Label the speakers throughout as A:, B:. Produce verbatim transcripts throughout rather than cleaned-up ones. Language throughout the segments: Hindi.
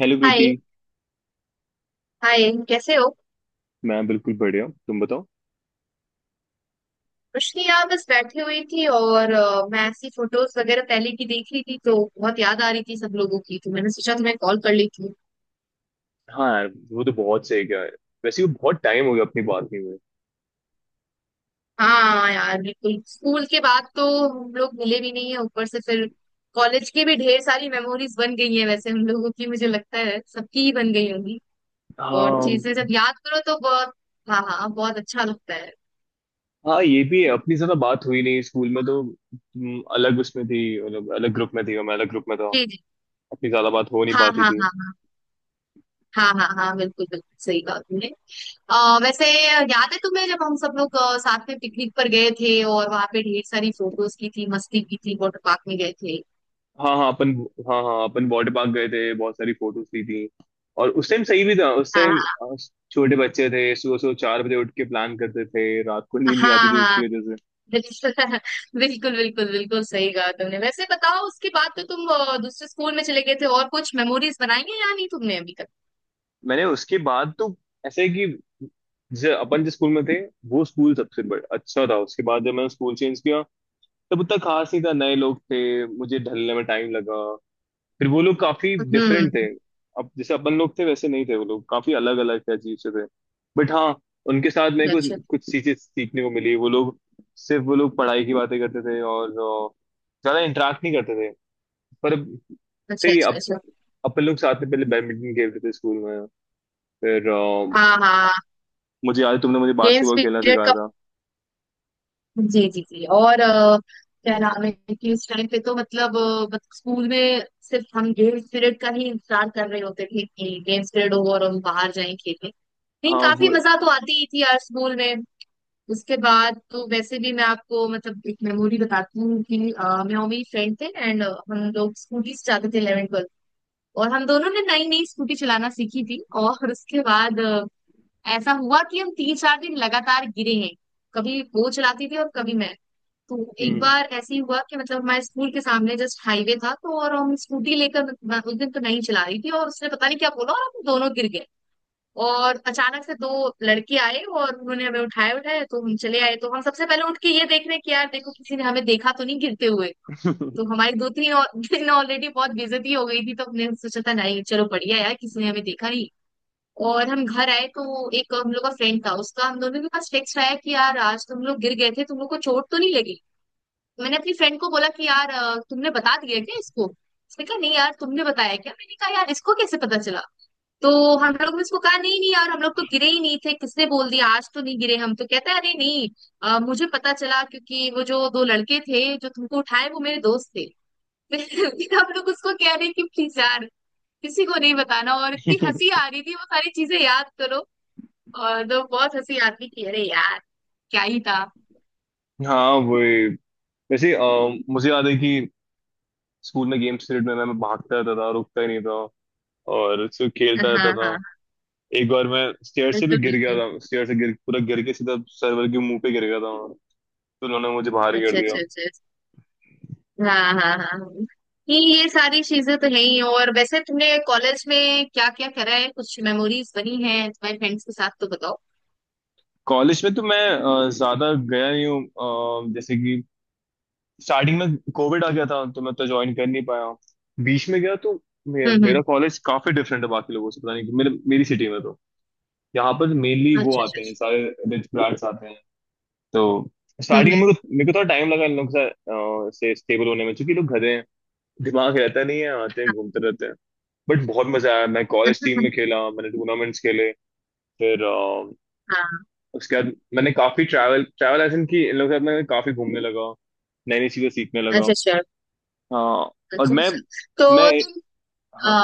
A: हेलो प्रीति।
B: हाय। हाय कैसे हो।
A: मैं बिल्कुल बढ़िया, तुम बताओ।
B: कुछ नहीं यार, बस बैठी हुई थी और अ, मैं ऐसी फोटोज वगैरह पहले की देख रही थी तो बहुत याद आ रही थी सब लोगों की, तो मैंने सोचा तुम्हें कॉल कर लेती हूँ।
A: हाँ यार, वो तो बहुत सही क्या है। वैसे वो बहुत टाइम हो गया, अपनी बात नहीं हुए।
B: हाँ यार, बिल्कुल स्कूल के बाद तो हम लोग मिले भी नहीं है। ऊपर से फिर कॉलेज की भी ढेर सारी मेमोरीज बन गई है, वैसे हम लोगों की। मुझे लगता है सबकी ही बन गई होंगी। और
A: हाँ
B: चीजें जब याद करो तो बहुत। हाँ हाँ, बहुत अच्छा लगता है।
A: हाँ, ये भी है, अपनी ज्यादा बात हुई नहीं स्कूल में, तो तुम अलग उसमें थी। मतलब अलग ग्रुप में थी और मैं अलग ग्रुप में था।
B: जी जी।
A: अपनी ज्यादा बात हो नहीं
B: हाँ
A: पाती
B: हाँ
A: थी।
B: हाँ हाँ, हाँ हाँ हाँ बिल्कुल बिल्कुल सही बात है। अ वैसे याद है तुम्हें जब हम सब लोग अ, साथ में पिकनिक पर गए थे, और वहां पे ढेर सारी फोटोज की थी, मस्ती की थी, वाटर पार्क में गए थे।
A: हाँ हाँ अपन हाँ हाँ अपन वाटर पार्क गए थे, बहुत सारी फोटोज ली थी। और उस टाइम सही भी था, उस टाइम
B: हाँ
A: छोटे बच्चे थे। सुबह सुबह चार बजे उठ के प्लान करते थे, रात को नींद नहीं आती
B: हाँ
A: थी
B: हाँ,
A: उसकी वजह।
B: बिल्कुल। बिल्कुल बिल्कुल बिल्कुल सही कहा तुमने। वैसे बताओ, उसके बाद तो तुम अ, दूसरे स्कूल में चले गए थे, और कुछ मेमोरीज बनाई है या नहीं तुमने अभी तक।
A: मैंने उसके बाद तो ऐसे है कि जैसे अपन जिस स्कूल में थे, वो स्कूल सबसे बड़ा अच्छा था। उसके बाद जब मैंने स्कूल चेंज किया, तब उतना खास नहीं था, नए लोग थे। मुझे ढलने में टाइम लगा। फिर वो लोग काफी
B: हम्म।
A: डिफरेंट थे। अब जैसे अपन लोग थे वैसे नहीं थे, वो लोग काफी अलग अलग थे, अजीब से थे। बट हाँ, उनके साथ मेरे
B: अच्छा
A: को कुछ चीजें सीखने को मिली। वो लोग सिर्फ, वो लोग पढ़ाई की बातें करते थे और अ, ज्यादा इंटरेक्ट नहीं करते थे। पर अब-
B: अच्छा
A: सही है,
B: अच्छा
A: अब
B: अच्छा, अच्छा।
A: अपन लोग साथ में पहले बैडमिंटन खेलते थे स्कूल में। फिर अ,
B: हाँ हाँ,
A: मुझे याद है तुमने मुझे
B: गेम्स
A: बास्केटबॉल खेलना
B: पीरियड
A: सिखाया
B: का।
A: था।
B: जी जी जी। और अ, क्या नाम है कि उस टाइम पे तो मतलब अ, बत- स्कूल में सिर्फ हम गेम्स पीरियड का ही इंतजार कर रहे होते थे कि गेम्स पीरियड हो और हम बाहर जाएं खेलने। नहीं,
A: हाँ
B: काफी
A: वो।
B: मजा तो आती ही थी यार स्कूल में। उसके बाद तो वैसे भी, मैं आपको मतलब एक मेमोरी बताती हूँ कि अ, मैं और मेरी फ्रेंड थे, एंड हम लोग स्कूटी से जाते थे इलेवन ट्वेल्थ। और हम दोनों ने नई नई स्कूटी चलाना सीखी थी, और उसके बाद अ, ऐसा हुआ कि हम तीन चार दिन लगातार गिरे हैं। कभी वो चलाती थी और कभी मैं। तो एक
A: हम्म।
B: बार ऐसे ही हुआ कि मतलब हमारे स्कूल के सामने जस्ट हाईवे था, तो और हम स्कूटी लेकर, मैं उस दिन तो नहीं चला रही थी, और उसने पता नहीं क्या बोला और हम दोनों गिर गए। और अचानक से दो लड़के आए और उन्होंने हमें उठाए उठाए, तो हम चले आए। तो हम सबसे पहले उठ के ये देख रहे कि यार देखो, किसी ने हमें देखा तो नहीं गिरते हुए। तो हमारी दो तीन और दिन ऑलरेडी बहुत बेइज्जती हो गई थी, तो हमने सोचा था नहीं चलो बढ़िया यार, किसी ने हमें देखा नहीं। और हम घर आए तो एक हम लोग का फ्रेंड था, उसका हम दोनों के पास टेक्स्ट आया कि यार आज तुम लोग गिर गए थे, तुम लोग को चोट तो नहीं लगी। मैंने अपनी फ्रेंड को बोला कि यार अ, तुमने बता दिया क्या इसको। उसने कहा नहीं यार, तुमने बताया क्या। मैंने कहा यार, इसको कैसे पता चला। तो हम लोग ने उसको कहा नहीं नहीं यार, हम लोग तो गिरे ही नहीं थे, किसने बोल दिया, आज तो नहीं गिरे हम। तो कहता है अरे नहीं, अ, मुझे पता चला क्योंकि वो जो दो लड़के थे जो तुमको उठाए, वो मेरे दोस्त थे। फिर फिर हम लोग उसको कह रहे कि प्लीज यार, किसी को नहीं बताना। और इतनी हंसी आ रही थी वो सारी चीजें याद करो। और तो बहुत हंसी आती कि अरे यार, क्या ही था।
A: हाँ वही। वैसे अ, मुझे याद है कि स्कूल में गेम्स पीरियड में मैं मैं भागता रहता था, रुकता ही नहीं था और सिर्फ खेलता
B: हाँ
A: रहता
B: हाँ
A: था।
B: हाँ,
A: एक बार मैं स्टेयर से भी
B: बिल्कुल
A: गिर गया
B: बिल्कुल।
A: था, स्टेयर से गिर पूरा गिर के सीधा सर्वर के मुंह पे गिर गया था। तो उन्होंने मुझे बाहर ही कर
B: अच्छा
A: दिया।
B: अच्छा अच्छा। हाँ हाँ हाँ। ये ये सारी चीजें तो है ही। और वैसे तुमने कॉलेज में क्या क्या करा है, कुछ मेमोरीज बनी है तुम्हारे फ्रेंड्स के साथ, तो बताओ।
A: कॉलेज में तो मैं अ, ज्यादा गया नहीं हूँ। अ, जैसे कि स्टार्टिंग में कोविड आ गया था, तो मैं तो ज्वाइन कर नहीं पाया। बीच में गया तो मे,
B: हम्म
A: मेरा
B: हम्म।
A: कॉलेज काफी डिफरेंट है बाकी लोगों से, पता नहीं क्यों। मेरे मेरी सिटी में तो यहाँ पर मेनली वो
B: अच्छा अच्छा
A: आते हैं
B: अच्छा।
A: सारे, रिच ब्रांड्स आते हैं। तो
B: हम्म
A: स्टार्टिंग में मेरे को मेरे को थोड़ा टाइम लगा इन लोग से, अ, से स्टेबल होने में, क्योंकि लोग गधे हैं। दिमाग रहता नहीं है, आते हैं घूमते रहते हैं। बट बहुत मजा आया, मैं कॉलेज टीम
B: हम्म।
A: में खेला, मैंने टूर्नामेंट्स खेले। फिर अ,
B: हाँ हाँ,
A: उसके बाद मैंने काफी ट्रैवल ट्रैवल एजेंट की। इन लोगों के साथ मैं काफी घूमने लगा, नई नई चीजें सीखने लगा।
B: अच्छा अच्छा।
A: हाँ। और
B: अच्छा
A: मैं
B: अच्छा।
A: मैं
B: तो तुम
A: हाँ,
B: आ,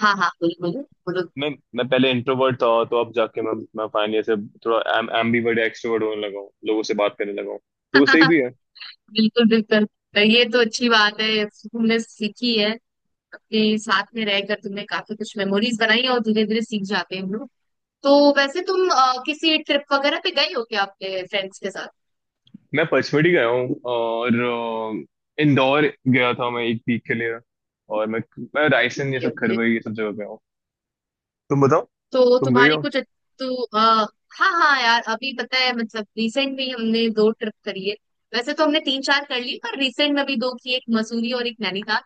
B: हाँ हाँ बोलो बोलो बोलो।
A: मैं मैं पहले इंट्रोवर्ट था, तो अब जाके मैं मैं फाइनली ऐसे थोड़ा एम एम्बीवर्ट एक्सट्रोवर्ट होने लगा हूँ, लोगों से बात करने लगा हूँ। तो वो सही भी है।
B: बिल्कुल बिल्कुल। ये तो अच्छी बात है तुमने सीखी है। अपने साथ में रहकर तुमने काफी कुछ मेमोरीज बनाई, और धीरे धीरे सीख जाते हैं हम लोग। तो वैसे तुम अ, किसी ट्रिप वगैरह पे गई हो क्या अपने फ्रेंड्स के साथ।
A: मैं पचमढ़ी गया हूँ और अ, इंदौर गया था मैं एक वीक के लिए। और मैं मैं रायसेन, ये
B: ओके
A: सब
B: ओके।
A: खरवई, ये सब जगह गया हूँ। तुम बताओ,
B: तो
A: तुम गई
B: तुम्हारी
A: हो।
B: कुछ। तो आ, हाँ हाँ यार, अभी पता है मतलब रिसेंट में ही हमने दो ट्रिप करी है। वैसे तो हमने तीन चार कर ली पर रिसेंट में भी दो की, एक मसूरी और एक नैनीताल।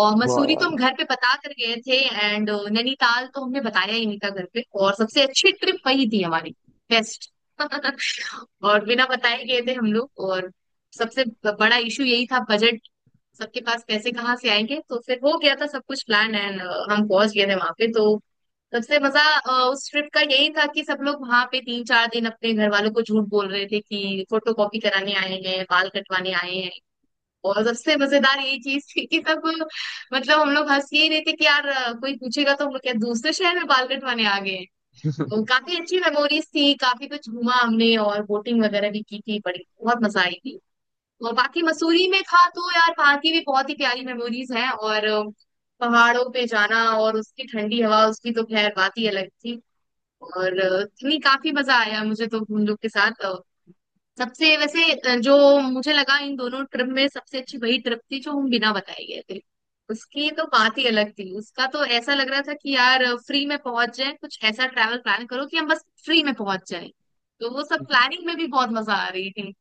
B: और
A: वाह
B: मसूरी तो
A: यार।
B: हम घर पे बता कर गए थे एंड नैनीताल तो हमने बताया ही नहीं था घर पे, और सबसे अच्छी ट्रिप वही थी हमारी। बेस्ट। और बिना बताए गए थे हम लोग। और सबसे बड़ा इशू यही था, बजट। सबके पास पैसे कहाँ से आएंगे। तो फिर हो गया था सब कुछ प्लान, एंड हम पहुंच गए थे वहां पे। तो सबसे मजा अ, उस ट्रिप का यही था कि सब लोग वहां पे तीन चार दिन अपने घर वालों को झूठ बोल रहे थे कि फोटो कॉपी कराने आए हैं, बाल कटवाने आए हैं। और सबसे मजेदार यही चीज थी कि सब, मतलब हम लोग हंस ही रहे थे कि यार अ, कोई पूछेगा तो हम लोग क्या दूसरे शहर में बाल कटवाने आ गए हैं। तो काफी अच्छी मेमोरीज थी, काफी कुछ घूमा हमने और बोटिंग वगैरह भी की थी, बड़ी बहुत मजा आई थी। और बाकी मसूरी में था तो यार, वहाँ की भी बहुत ही प्यारी मेमोरीज हैं। और अ, पहाड़ों पे जाना और उसकी ठंडी हवा, उसकी तो खैर बात ही अलग थी। और अ, नहीं काफी मजा आया मुझे तो उन लोग के साथ। अ, सबसे वैसे अ, जो मुझे लगा इन दोनों ट्रिप में, सबसे अच्छी वही ट्रिप थी जो हम बिना बताए गए थे। उसकी तो बात ही अलग थी, उसका तो ऐसा लग रहा था कि यार फ्री में पहुंच जाए, कुछ ऐसा ट्रैवल प्लान करो कि हम बस फ्री में पहुंच जाए। तो वो सब प्लानिंग में भी बहुत मजा आ रही थी।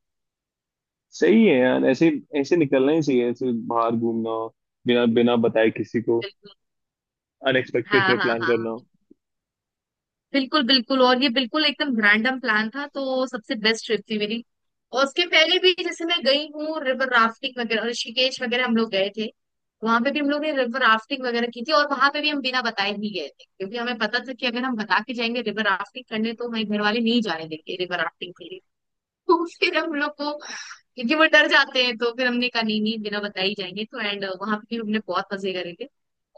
A: सही है यार, ऐसे ऐसे निकलना ही चाहिए, ऐसे बाहर घूमना, बिना बिना बताए किसी को,
B: बिल्कुल।
A: अनएक्सपेक्टेड
B: हाँ
A: ट्रिप
B: हाँ
A: प्लान
B: हाँ,
A: करना।
B: बिल्कुल बिल्कुल। और ये बिल्कुल एकदम रैंडम प्लान था तो सबसे बेस्ट ट्रिप थी मेरी। और उसके पहले भी जैसे मैं गई हूँ रिवर राफ्टिंग वगैरह ऋषिकेश वगैरह हम लोग गए थे। वहां पे भी हम लोग ने रिवर राफ्टिंग वगैरह की थी, और वहां पे भी हम बिना बताए ही गए थे क्योंकि हमें पता था कि अगर हम बता के जाएंगे रिवर राफ्टिंग करने तो हमारे घर वाले नहीं जाने देंगे रिवर राफ्टिंग के लिए। तो फिर हम लोग को, क्योंकि वो डर जाते हैं, तो फिर हमने कहा नहीं नहीं बिना बताए ही जाएंगे, तो एंड वहां पे भी हमने बहुत मजे करे थे।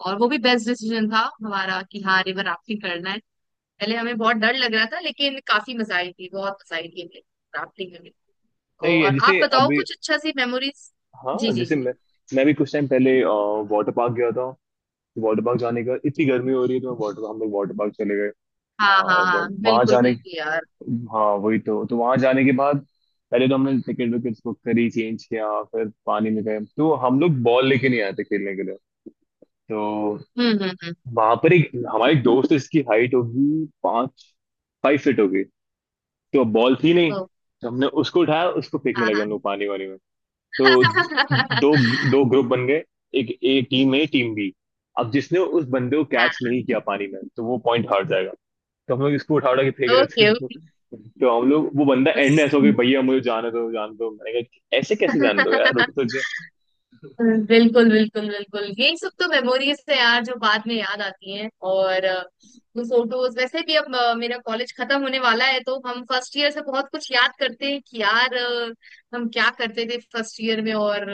B: और वो भी बेस्ट डिसीजन था हमारा कि हाँ रिवर राफ्टिंग करना है। पहले हमें बहुत डर लग रहा था लेकिन काफी मजा आई थी, बहुत मजा आई थी हमें राफ्टिंग में भी।
A: सही है।
B: और आप
A: जैसे
B: बताओ
A: अभी,
B: कुछ अच्छा सी मेमोरीज।
A: हाँ
B: जी जी
A: जैसे
B: जी
A: मैं मैं भी कुछ टाइम पहले वाटर पार्क गया था, वाटर पार्क जाने का, इतनी
B: जी।
A: गर्मी हो रही है, तो मैं वाटर हम लोग वाटर पार्क चले गए। आ,
B: हाँ हाँ हाँ,
A: और वहां
B: बिल्कुल
A: जाने,
B: बिल्कुल यार।
A: हाँ वही तो तो वहां जाने के बाद पहले तो हमने टिकट विकेट बुक करी, चेंज किया, फिर पानी में गए। तो हम लोग बॉल लेके नहीं आए थे खेलने के लिए। तो
B: हम्म हम्म हम्म।
A: वहां पर एक, हमारे एक दोस्त है, इसकी हाइट होगी पाँच, फाइव फीट होगी। तो बॉल थी नहीं,
B: ओ।
A: तो हमने उसको उठाया, उसको फेंकने
B: हाँ
A: लगे हम लोग पानी वानी। तो
B: हाँ।
A: दो दो ग्रुप बन गए, एक A team, A team B. अब जिसने उस बंदे को
B: हाँ।
A: कैच नहीं किया पानी में, तो वो पॉइंट हार जाएगा। तो हम लोग इसको उठा उठा के फेंक रहे थे।
B: Okay okay.
A: तो हम लोग, वो बंदा एंड में ऐसा हो गया, भैया मुझे जाने दो, जाने दो। मैंने कहा, ऐसे कैसे जाने दो यार, रुक तो जा।
B: बिल्कुल बिल्कुल बिल्कुल, यही सब तो मेमोरीज है यार जो बाद में याद आती हैं। और अ, वो फोटोज वैसे भी अब, अ, मेरा कॉलेज खत्म होने वाला है, तो हम फर्स्ट ईयर से बहुत कुछ याद करते हैं कि यार अ, हम क्या करते थे फर्स्ट ईयर में। और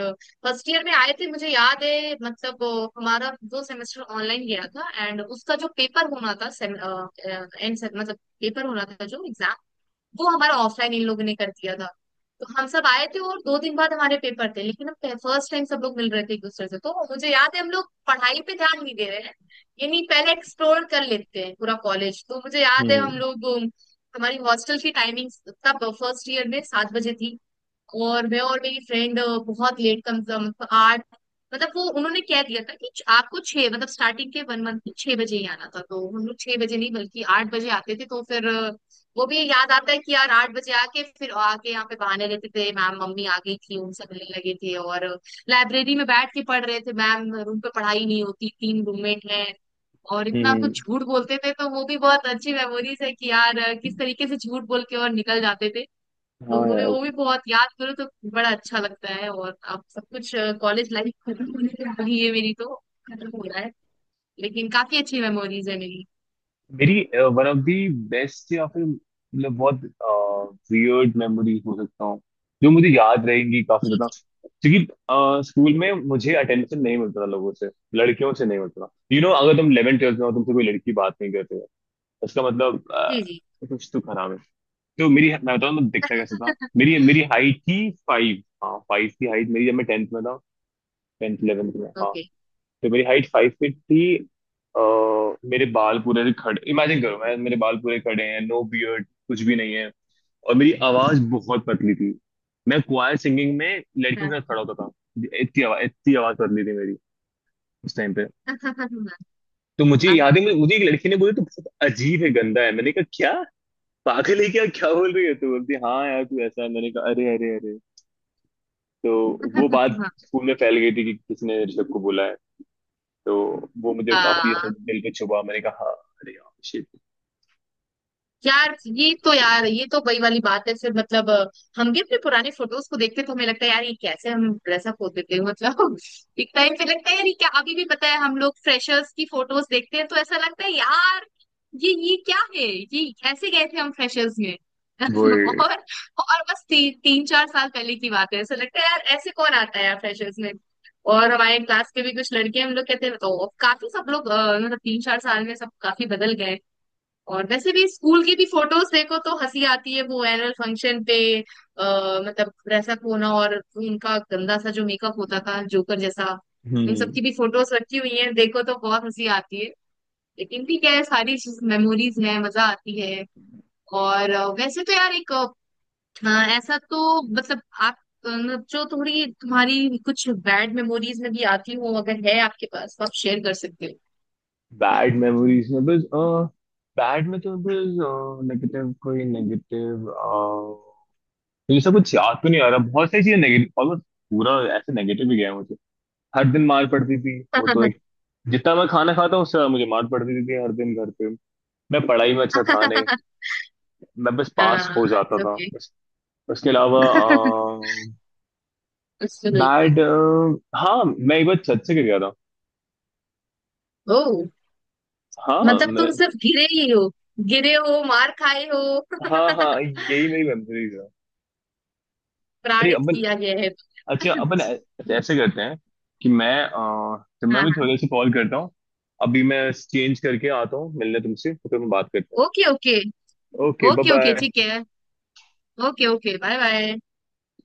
B: फर्स्ट ईयर में आए थे, मुझे याद है मतलब अ, हमारा दो सेमेस्टर ऑनलाइन गया था, एंड उसका जो पेपर होना था, एंड मतलब पेपर होना था जो एग्जाम, वो हमारा ऑफलाइन इन लोगों ने कर दिया था। तो हम सब आए थे और दो दिन बाद हमारे पेपर थे, लेकिन हम फर्स्ट टाइम सब लोग मिल रहे थे एक दूसरे से, तो मुझे याद है हम लोग पढ़ाई पे ध्यान नहीं दे रहे हैं। ये नहीं, पहले एक्सप्लोर कर लेते हैं पूरा कॉलेज, तो मुझे याद है हम
A: हम्म।
B: लोग, हमारी हॉस्टल की टाइमिंग तब फर्स्ट ईयर में सात बजे थी। और मैं और मेरी फ्रेंड बहुत लेट कम, मतलब आठ, मतलब वो उन्होंने कह दिया था कि आपको छह, मतलब स्टार्टिंग के वन मंथ में छह बजे ही आना था। तो हम लोग छह बजे नहीं बल्कि आठ बजे आते थे, तो फिर अ, वो भी याद आता है कि यार आठ बजे आके फिर आके यहाँ पे बहाने लेते थे, मैम मम्मी आ गई थी, उनसे मिलने लगे थे, और लाइब्रेरी में बैठ के पढ़ रहे थे मैम, रूम पे पढ़ाई नहीं होती, तीन रूममेट हैं। और इतना
A: हम्म।
B: कुछ झूठ बोलते थे, तो वो भी बहुत अच्छी मेमोरीज है कि यार अ, किस तरीके से झूठ बोल के और निकल जाते थे। तो
A: हाँ
B: वो भी
A: यार,
B: वो भी बहुत याद करो तो बड़ा अच्छा लगता है, और अब सब कुछ कॉलेज लाइफ खत्म होने को, अभी ये मेरी तो खत्म हो रहा है। लेकिन काफी अच्छी मेमोरीज है मेरी।
A: मेरी वन ऑफ दी बेस्ट, या फिर मतलब बहुत वियर्ड मेमोरीज हो सकता हूँ, जो मुझे याद रहेंगी काफी
B: जी
A: ज्यादा।
B: जी
A: क्योंकि स्कूल में मुझे अटेंशन नहीं मिलता था लोगों से, लड़कियों से नहीं मिलता था। यू you नो know, अगर तुम इलेवेंथ ट्वेल्थ में हो, तुमसे कोई लड़की बात नहीं करते हो, उसका मतलब
B: जी
A: अ,
B: जी।
A: कुछ तो खराब है। तो मेरी, मैं बताऊँ मैं दिखता कैसा था। मेरी मेरी हाइट थी फाइव, हाँ, फाइव की हाइट मेरी जब मैं टेंथ में था, टेंथ इलेवेंथ में, हाँ।
B: ओके।
A: तो मेरी हाइट फाइव फीट थी और मेरे बाल पूरे से खड़े, इमेजिन करो, मैं, मेरे बाल पूरे खड़े हैं, नो बियर्ड कुछ भी नहीं है, और मेरी आवाज बहुत पतली थी। मैं क्वायर सिंगिंग में लड़कियों
B: हाँ
A: के साथ खड़ा होता था, इतनी आवाज इतनी आवाज पतली थी मेरी उस टाइम पे।
B: हाँ हाँ हाँ
A: तो मुझे
B: हाँ
A: याद है,
B: हाँ
A: मुझे मुझे एक लड़की ने बोली तो, बहुत अजीब है, गंदा है। मैंने कहा, क्या पागल है क्या, क्या बोल रही है तू। बोलती हाँ यार, तू ऐसा है। मैंने कहा अरे अरे अरे। तो वो बात
B: हाँ।
A: स्कूल में फैल गई थी कि किसने ऋषभ को बोला है। तो वो मुझे काफी ऐसा
B: हाँ
A: दिल पे छुपा। मैंने कहा हाँ, अरे यार शिट।
B: यार, ये तो यार ये तो वही वाली बात है फिर मतलब अ, हम भी अपने पुराने फोटोज को देखते हैं तो हमें लगता है यार ये कैसे हम ड्रेसअप होते थे, मतलब एक टाइम पे लगता है यार, ये क्या। अभी भी पता है हम लोग फ्रेशर्स की फोटोज देखते हैं तो ऐसा लगता है यार ये ये क्या है, ये ऐसे गए थे हम फ्रेशर्स में।
A: वो।
B: और और बस ती, तीन चार साल पहले की बात है, ऐसा लगता है यार ऐसे कौन आता है यार फ्रेशर्स में। और हमारे क्लास के भी कुछ लड़के हम लोग कहते हैं तो, काफी सब लोग अ, मतलब तीन चार साल में सब काफी बदल गए। और वैसे भी स्कूल की भी फोटोज देखो तो हंसी आती है, वो एनुअल फंक्शन पे आ, मतलब ड्रेसअप होना और उनका गंदा सा जो मेकअप होता था जोकर जैसा, उन
A: हम्म।
B: सबकी भी फोटोज रखी हुई है, देखो तो बहुत हंसी आती है। लेकिन ठीक है, सारी मेमोरीज हैं, मजा आती है। और अ, वैसे तो यार एक अ, ऐसा तो मतलब आप अ, जो थोड़ी तुम्हारी कुछ बैड मेमोरीज में भी आती हो, अगर है आपके पास तो आप शेयर कर सकते हो।
A: बैड मेमोरीज में बस, बैड में तो बस नेगेटिव, कोई नेगेटिव मुझे सब कुछ याद तो नहीं आ रहा। बहुत सारी चीजें नेगेटिव, ऑलमोस्ट पूरा ऐसे नेगेटिव ही गया है मुझे। हर दिन मार पड़ती थी, वो तो एक, जितना मैं खाना खाता हूँ उससे ज्यादा मुझे मार पड़ती थी हर दिन घर पे। मैं पढ़ाई में अच्छा था नहीं, मैं बस पास
B: हाँ
A: हो जाता था,
B: ओके।
A: बस। उसके अलावा
B: बिल्कुल।
A: बैड, हाँ मैं एक बार छत से गिर गया था।
B: ओ,
A: हाँ
B: मतलब
A: मैं,
B: तुम सिर्फ गिरे ही हो, गिरे हो मार खाए हो,
A: हाँ हाँ, यही मेरी मेमोरीज है। अरे
B: प्राणित
A: अपन,
B: किया गया है।
A: अच्छा अपन ऐ- अच्छा, ऐसे करते हैं कि मैं, अ, तो
B: हाँ
A: मैं भी
B: हाँ।
A: थोड़े से कॉल करता हूँ, अभी मैं चेंज करके आता हूँ, मिलने तुमसे, तो फिर हम बात करते
B: ओके ओके।
A: हैं। ओके, बाय
B: ओके ओके ठीक
A: बाय।
B: है। Okay okay bye bye.